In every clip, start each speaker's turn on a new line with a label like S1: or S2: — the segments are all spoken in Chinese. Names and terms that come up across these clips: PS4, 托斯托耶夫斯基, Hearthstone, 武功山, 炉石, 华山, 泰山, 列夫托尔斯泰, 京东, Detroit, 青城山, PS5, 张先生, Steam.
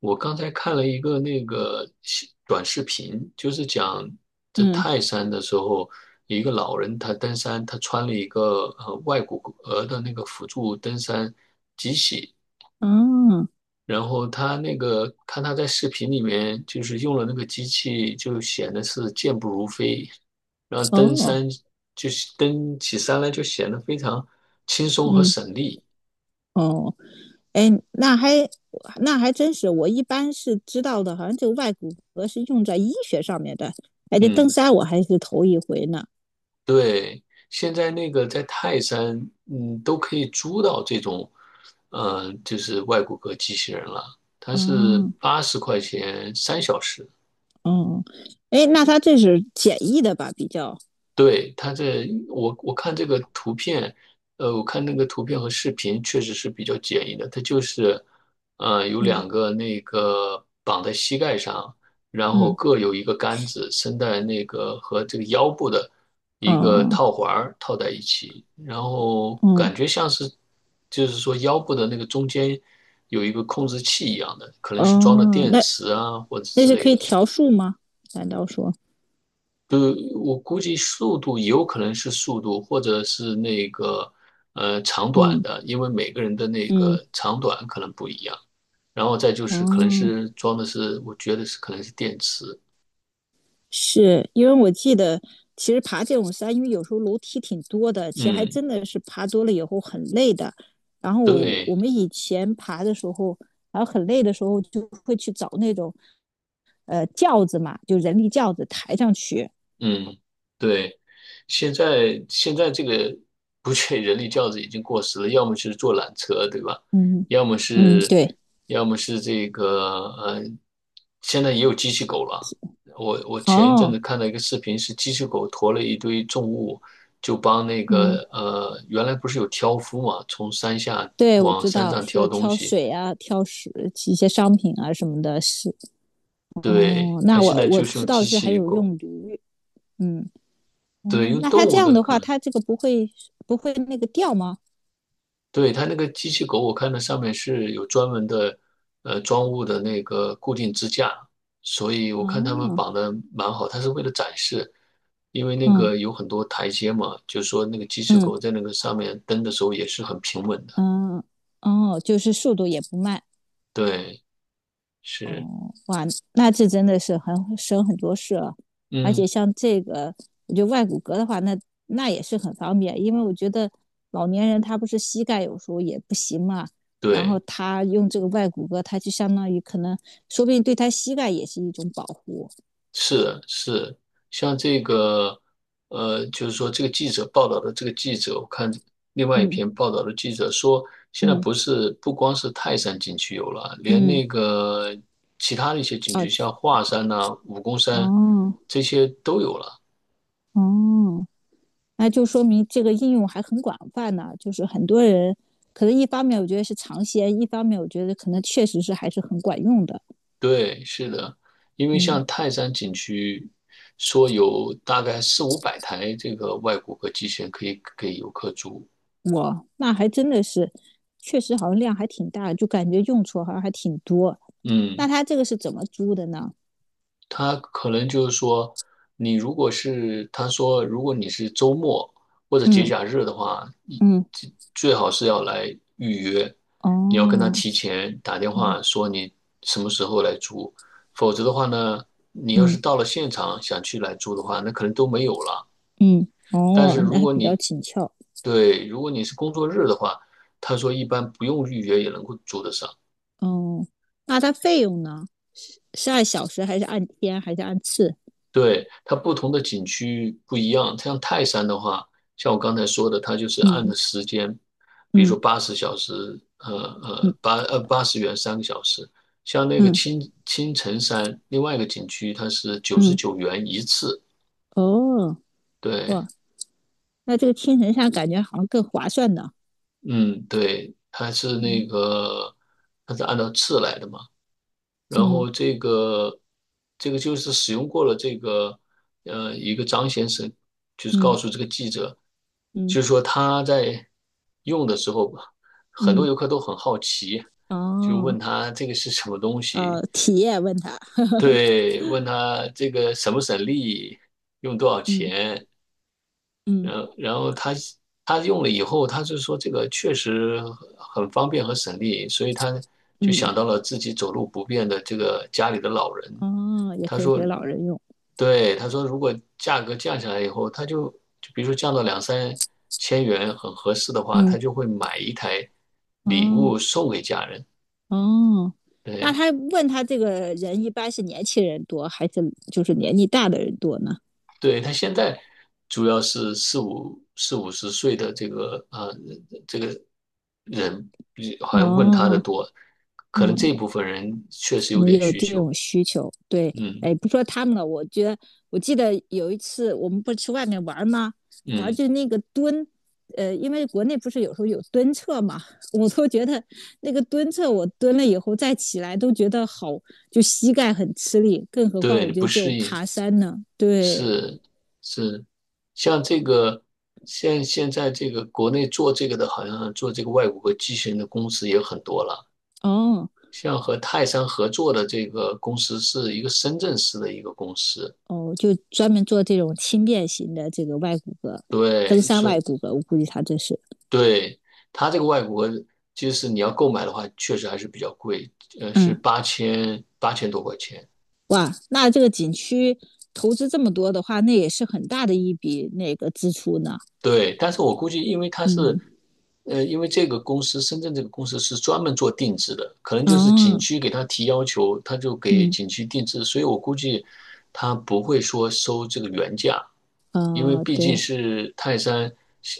S1: 我刚才看了一个那个短视频，就是讲在
S2: 嗯，
S1: 泰山的时候，一个老人他登山，他穿了一个外骨骼的那个辅助登山机器，
S2: 哦，
S1: 然后他那个看他在视频里面就是用了那个机器，就显得是健步如飞，然后登
S2: 哦，
S1: 山就是登起山来就显得非常轻松和
S2: 嗯，
S1: 省力。
S2: 哦，哎，那还真是，我一般是知道的，好像这个外骨骼是用在医学上面的。哎，这登
S1: 嗯。
S2: 山我还是头一回呢。
S1: 对，现在那个在泰山，都可以租到这种，就是外骨骼机器人了。它是
S2: 哦，
S1: 80块钱3小时。
S2: 哦，哎，那它这是简易的吧？比较，
S1: 对，它这，我看这个图片，我看那个图片和视频确实是比较简易的。它就是，有
S2: 嗯
S1: 两个那个绑在膝盖上，然后
S2: 嗯，
S1: 各有一个杆子伸在那个和这个腰部的一个
S2: 哦，
S1: 套环儿套在一起。然后
S2: 哦，
S1: 感觉像是，就是说腰部的那个中间有一个控制器一样的，可能是装的
S2: 哦，
S1: 电
S2: 那
S1: 池啊或者
S2: 那
S1: 之
S2: 是
S1: 类
S2: 可以
S1: 的。
S2: 调数吗？难道说，
S1: 呃，我估计速度有可能是速度，或者是那个长短
S2: 嗯
S1: 的，因为每个人的那
S2: 嗯，
S1: 个长短可能不一样。然后再就是可能
S2: 哦。
S1: 是装的是，我觉得是可能是电池。
S2: 是因为我记得，其实爬这种山，因为有时候楼梯挺多的，其实还
S1: 嗯，
S2: 真的是爬多了以后很累的。然后我我
S1: 对。
S2: 们以前爬的时候，然后很累的时候，就会去找那种轿子嘛，就人力轿子抬上去。
S1: 嗯，对，现在这个不确人力轿子已经过时了，要么是坐缆车，对吧？
S2: 嗯
S1: 要么
S2: 嗯，
S1: 是，
S2: 对，
S1: 要么是这个，呃，现在也有机器狗了。我前一阵
S2: 哦，
S1: 子看到一个视频，是机器狗驮了一堆重物，就帮那
S2: 嗯，
S1: 个原来不是有挑夫嘛，从山下
S2: 对，我
S1: 往
S2: 知
S1: 山
S2: 道
S1: 上
S2: 是
S1: 挑东
S2: 挑
S1: 西。
S2: 水啊，挑食一些商品啊什么的，是
S1: 对，
S2: 哦。那
S1: 他现
S2: 我
S1: 在
S2: 我
S1: 就是
S2: 知
S1: 用
S2: 道
S1: 机
S2: 是还
S1: 器
S2: 有
S1: 狗，
S2: 用驴。嗯。
S1: 对，
S2: 哦，
S1: 用
S2: 那他
S1: 动
S2: 这
S1: 物
S2: 样
S1: 的
S2: 的话，
S1: 可能。
S2: 他这个不会那个掉吗？
S1: 对，它那个机器狗，我看它上面是有专门的，装物的那个固定支架，所以我看他们
S2: 哦，
S1: 绑的蛮好。它是为了展示，因为那
S2: 嗯
S1: 个有很多台阶嘛，就是说那个机器
S2: 嗯
S1: 狗在那个上面蹬的时候也是很平稳的。
S2: 嗯，哦，就是速度也不慢。
S1: 对，是，
S2: 哦，哇，那这真的是很省很多事了。而且
S1: 嗯，
S2: 像这个，我觉得外骨骼的话，那也是很方便，因为我觉得老年人他不是膝盖有时候也不行嘛，然后
S1: 对。
S2: 他用这个外骨骼，他就相当于可能说不定对他膝盖也是一种保护。
S1: 是是，像这个，就是说这个记者报道的这个记者，我看另外一
S2: 嗯
S1: 篇报道的记者说，现在
S2: 嗯
S1: 不光是泰山景区有了，连
S2: 嗯，
S1: 那个其他的一些景区，
S2: 哦
S1: 像华山呐、武功山
S2: 哦
S1: 这些都有了。
S2: 哦。那就说明这个应用还很广泛呢。就是很多人可能一方面我觉得是尝鲜，一方面我觉得可能确实是还是很管用的。
S1: 对，是的，因为
S2: 嗯，
S1: 像泰山景区说有大概四五百台这个外骨骼机器人可以给游客租。
S2: 哇，那还真的是，确实好像量还挺大，就感觉用处好像还挺多。那
S1: 嗯。
S2: 它这个是怎么租的呢？
S1: 他可能就是说，你如果是他说，如果你是周末或者节
S2: 嗯
S1: 假日的话，你
S2: 嗯，
S1: 最好是要来预约，你要跟他
S2: 哦
S1: 提前打电话
S2: 哦，
S1: 说你什么时候来租。否则的话呢，你要
S2: 嗯
S1: 是到了现场想去来租的话，那可能都没有了。
S2: 嗯，
S1: 但是
S2: 哦，那
S1: 如
S2: 还
S1: 果
S2: 比较
S1: 你
S2: 紧俏。
S1: 对，如果你是工作日的话，他说一般不用预约也能够租得上。
S2: 哦，那它费用呢？是按小时还是按天还是按次？
S1: 对，它不同的景区不一样，像泰山的话，像我刚才说的，它就是按
S2: 嗯
S1: 的时间，比如
S2: 嗯
S1: 说呃
S2: 嗯
S1: 80元3个小时。像那个
S2: 嗯
S1: 青城山另外一个景区，它是九十
S2: 嗯，
S1: 九元一次。
S2: 哦，
S1: 对，
S2: 哇，那这个青城山感觉好像更划算呢。
S1: 嗯，对，它是那
S2: 嗯
S1: 个它是按照次来的嘛。然
S2: 嗯
S1: 后这个就是使用过了这个一个张先生，就是告
S2: 嗯
S1: 诉这个记者，
S2: 嗯
S1: 就是说他在用的时候，很多
S2: 嗯，
S1: 游客都很好奇，就
S2: 哦，
S1: 问他这个是什么东西。
S2: 体验问他，
S1: 对，问他这个省不省力，用多少
S2: 嗯
S1: 钱，
S2: 嗯
S1: 然后他。他用了以后，他就说这个确实很方便和省力，所以他就
S2: 嗯，
S1: 想到了自己走路不便的这个家里的老人。
S2: 哦，也
S1: 他
S2: 可以
S1: 说，
S2: 给老人用。
S1: 对，他说如果价格降下来以后，他就比如说降到两三千元很合适的话，
S2: 嗯，
S1: 他就会买一台礼
S2: 哦
S1: 物送给家人。
S2: 哦，那
S1: 对，
S2: 他问他这个人一般是年轻人多还是就是年纪大的人多呢？
S1: 对，他现在主要是四五十岁的这个啊、这个人，
S2: 哦
S1: 好像问他的
S2: 哦。
S1: 多，可能这
S2: 哦，
S1: 部分人确实
S2: 可
S1: 有
S2: 能
S1: 点
S2: 有
S1: 需
S2: 这
S1: 求。
S2: 种需求。对，哎，
S1: 嗯
S2: 不说他们了，我记得有一次我们不是去外面玩吗？啊，
S1: 嗯，
S2: 就那个蹲，因为国内不是有时候有蹲厕嘛，我都觉得那个蹲厕我蹲了以后再起来都觉得好，就膝盖很吃力，更何况
S1: 对，
S2: 我
S1: 你
S2: 觉
S1: 不
S2: 得这
S1: 适
S2: 种
S1: 应。
S2: 爬山呢，对。
S1: 是是，像这个现在这个国内做这个的，好像做这个外国和机器人的公司也很多了。
S2: 哦
S1: 像和泰山合作的这个公司是一个深圳市的一个公司。
S2: 哦，就专门做这种轻便型的这个外骨骼，登
S1: 对，
S2: 山
S1: 所
S2: 外
S1: 以
S2: 骨骼，我估计他这是，
S1: 对它这个外国就是你要购买的话，确实还是比较贵，是
S2: 嗯。
S1: 八千多块钱。
S2: 哇，那这个景区投资这么多的话，那也是很大的一笔那个支出呢。
S1: 对，但是我估计，因为他是，
S2: 嗯，
S1: 因为这个公司，深圳这个公司是专门做定制的，可能就是景
S2: 哦，
S1: 区给他提要求，他就给
S2: 嗯，
S1: 景区定制，所以我估计他不会说收这个原价。因为毕竟
S2: 对，
S1: 是泰山，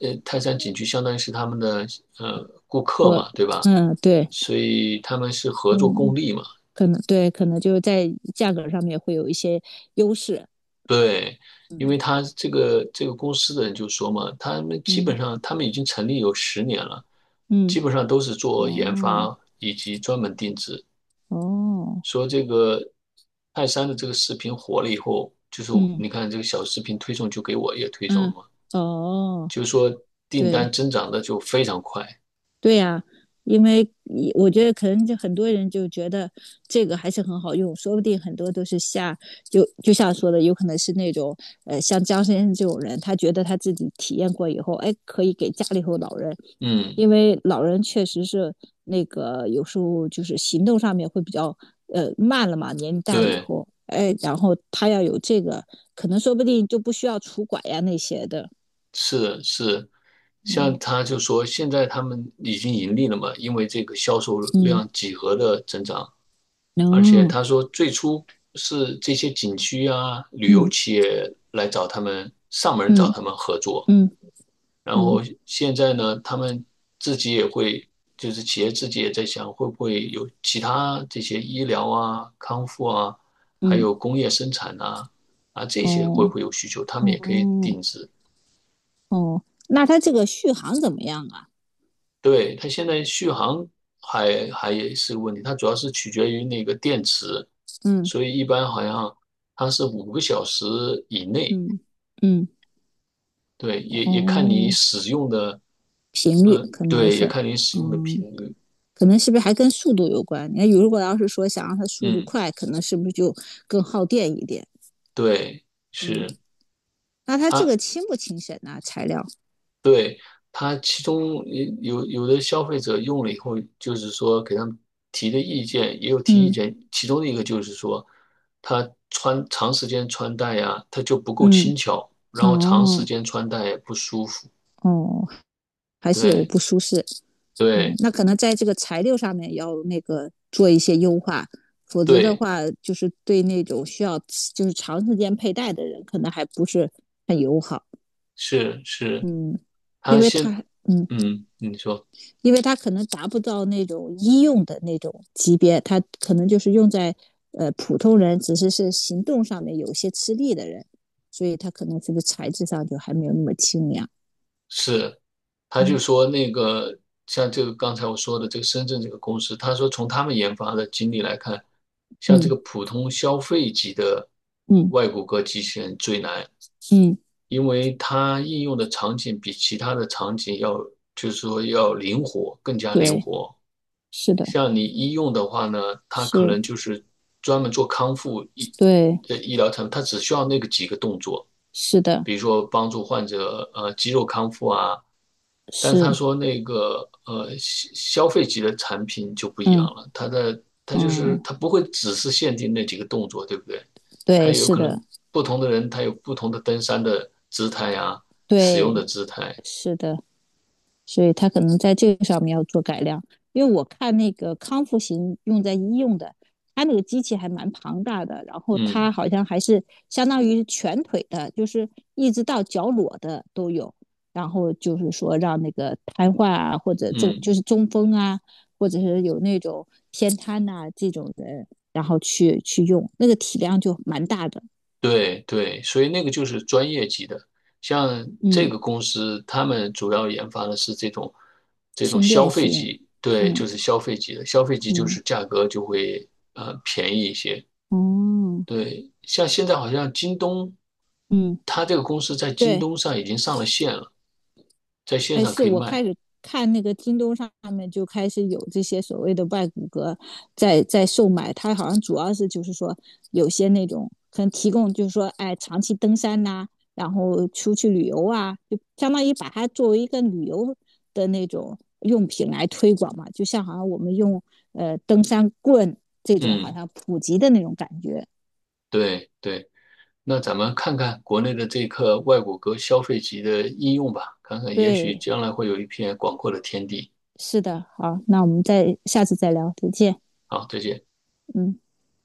S1: 泰山景区相当于是他们的顾客
S2: 和，
S1: 嘛，对吧？
S2: 嗯，对，
S1: 所以他们是合作
S2: 嗯，
S1: 共利嘛。
S2: 可能对，可能就是在价格上面会有一些优势。
S1: 对，因为
S2: 嗯
S1: 他这个公司的人就说嘛，他们基
S2: 嗯
S1: 本上他们已经成立有10年了，
S2: 嗯，
S1: 基本上都是做研
S2: 哦
S1: 发以及专门定制。
S2: 哦，
S1: 说这个泰山的这个视频火了以后，就是
S2: 嗯
S1: 你看这个小视频推送就给我也推送了
S2: 嗯，
S1: 嘛，
S2: 哦，
S1: 就是说订单
S2: 对，
S1: 增长的就非常快。
S2: 对呀、啊，因为你我觉得可能就很多人就觉得这个还是很好用，说不定很多都是就像说的，有可能是那种像张先生这种人，他觉得他自己体验过以后，哎，可以给家里头老人，
S1: 嗯，
S2: 因为老人确实是那个有时候就是行动上面会比较慢了嘛，年龄大了以
S1: 对。
S2: 后，哎，然后他要有这个，可能说不定就不需要拄拐呀那些的。
S1: 是是，像
S2: 嗯
S1: 他就说，现在他们已经盈利了嘛，因为这个销售
S2: 嗯，
S1: 量几何的增长，而且
S2: 能，哦，
S1: 他说最初是这些景区啊、旅游
S2: 嗯
S1: 企业来找他们上门找
S2: 嗯
S1: 他们合作。
S2: 嗯。
S1: 然
S2: 嗯
S1: 后现在呢，他们自己也会，就是企业自己也在想，会不会有其他这些医疗啊、康复啊，还
S2: 嗯，
S1: 有工业生产啊这些会不
S2: 哦
S1: 会有需求，他们也可以
S2: 哦
S1: 定制。
S2: 哦，那它这个续航怎么样啊？
S1: 对，它现在续航还也是个问题，它主要是取决于那个电池，
S2: 嗯
S1: 所以一般好像它是5个小时以内。
S2: 嗯嗯，
S1: 对，也看你
S2: 哦，
S1: 使用的，
S2: 频率
S1: 嗯、
S2: 可能
S1: 对，也
S2: 是，
S1: 看你使用的频
S2: 嗯，
S1: 率，
S2: 可能是不是还跟速度有关？你看如果要是说想让它速度
S1: 嗯，
S2: 快，可能是不是就更耗电一点？
S1: 对，
S2: 嗯，
S1: 是
S2: 那它这
S1: 它
S2: 个轻不轻省呢？材料？
S1: 对，他，其中有的消费者用了以后，就是说给他们提的意见也有提意
S2: 嗯
S1: 见。其中的一个就是说，他穿长时间穿戴呀，他就不够
S2: 嗯，
S1: 轻巧，然后长时
S2: 哦
S1: 间穿戴也不舒服。
S2: 哦，还是有
S1: 对
S2: 不舒适。嗯，
S1: 对
S2: 那可能在这个材料上面要那个做一些优化，否则的
S1: 对，
S2: 话，就是对那种需要就是长时间佩戴的人，可能还不是很友好。
S1: 是是，
S2: 嗯，因
S1: 他
S2: 为
S1: 先
S2: 它，嗯，
S1: 嗯，你说。
S2: 因为它可能达不到那种医用的那种级别，它可能就是用在普通人，只是行动上面有些吃力的人，所以它可能这个材质上就还没有那么清凉。
S1: 是，他就
S2: 嗯
S1: 说那个像这个刚才我说的这个深圳这个公司，他说从他们研发的经历来看，像这
S2: 嗯
S1: 个普通消费级的
S2: 嗯
S1: 外骨骼机器人最难，
S2: 嗯，
S1: 因为它应用的场景比其他的场景要，就是说要灵活，更加灵
S2: 对，
S1: 活。
S2: 是的，
S1: 像你医用的话呢，它可
S2: 是，
S1: 能就是专门做康复医
S2: 对，
S1: 的医疗产品，它只需要那个几个动作，
S2: 是的。
S1: 比如说帮助患者肌肉康复啊。但是他
S2: 是，
S1: 说那个消费级的产品就不一样
S2: 嗯
S1: 了，它的它就是
S2: 嗯，
S1: 它不会只是限定那几个动作，对不对？它
S2: 对，
S1: 也有
S2: 是
S1: 可
S2: 的，
S1: 能不同的人他有不同的登山的姿态呀，使用的
S2: 对，
S1: 姿态。
S2: 是的，所以他可能在这个上面要做改良。因为我看那个康复型用在医用的，它那个机器还蛮庞大的，然后它
S1: 嗯
S2: 好像还是相当于全腿的，就是一直到脚裸的都有。然后就是说让那个瘫痪啊，或者
S1: 嗯，
S2: 就是中风啊，或者是有那种偏瘫呐、这种人，然后去用，那个体量就蛮大的。
S1: 对对，所以那个就是专业级的。像这
S2: 嗯，
S1: 个公司，他们主要研发的是这种
S2: 轻便
S1: 消费
S2: 型，
S1: 级，对，
S2: 嗯
S1: 就是消费级的，消费级就
S2: 嗯，
S1: 是价格就会便宜一些。
S2: 哦，
S1: 对，像现在好像京东，
S2: 嗯，
S1: 它这个公司在京
S2: 对，
S1: 东上已经上了线了，在线
S2: 哎，
S1: 上
S2: 是
S1: 可以
S2: 我
S1: 卖。
S2: 开始看那个京东上面就开始有这些所谓的外骨骼在售卖，它好像主要是就是说有些那种可能提供就是说，哎，长期登山呐、然后出去旅游啊，就相当于把它作为一个旅游的那种用品来推广嘛，就像好像我们用登山棍这种好
S1: 嗯，
S2: 像普及的那种感觉。
S1: 对对。那咱们看看国内的这个外骨骼消费级的应用吧，看看也许
S2: 对，
S1: 将来会有一片广阔的天地。
S2: 是的，好，那我们再下次再聊，再见。
S1: 好，再见。
S2: 嗯。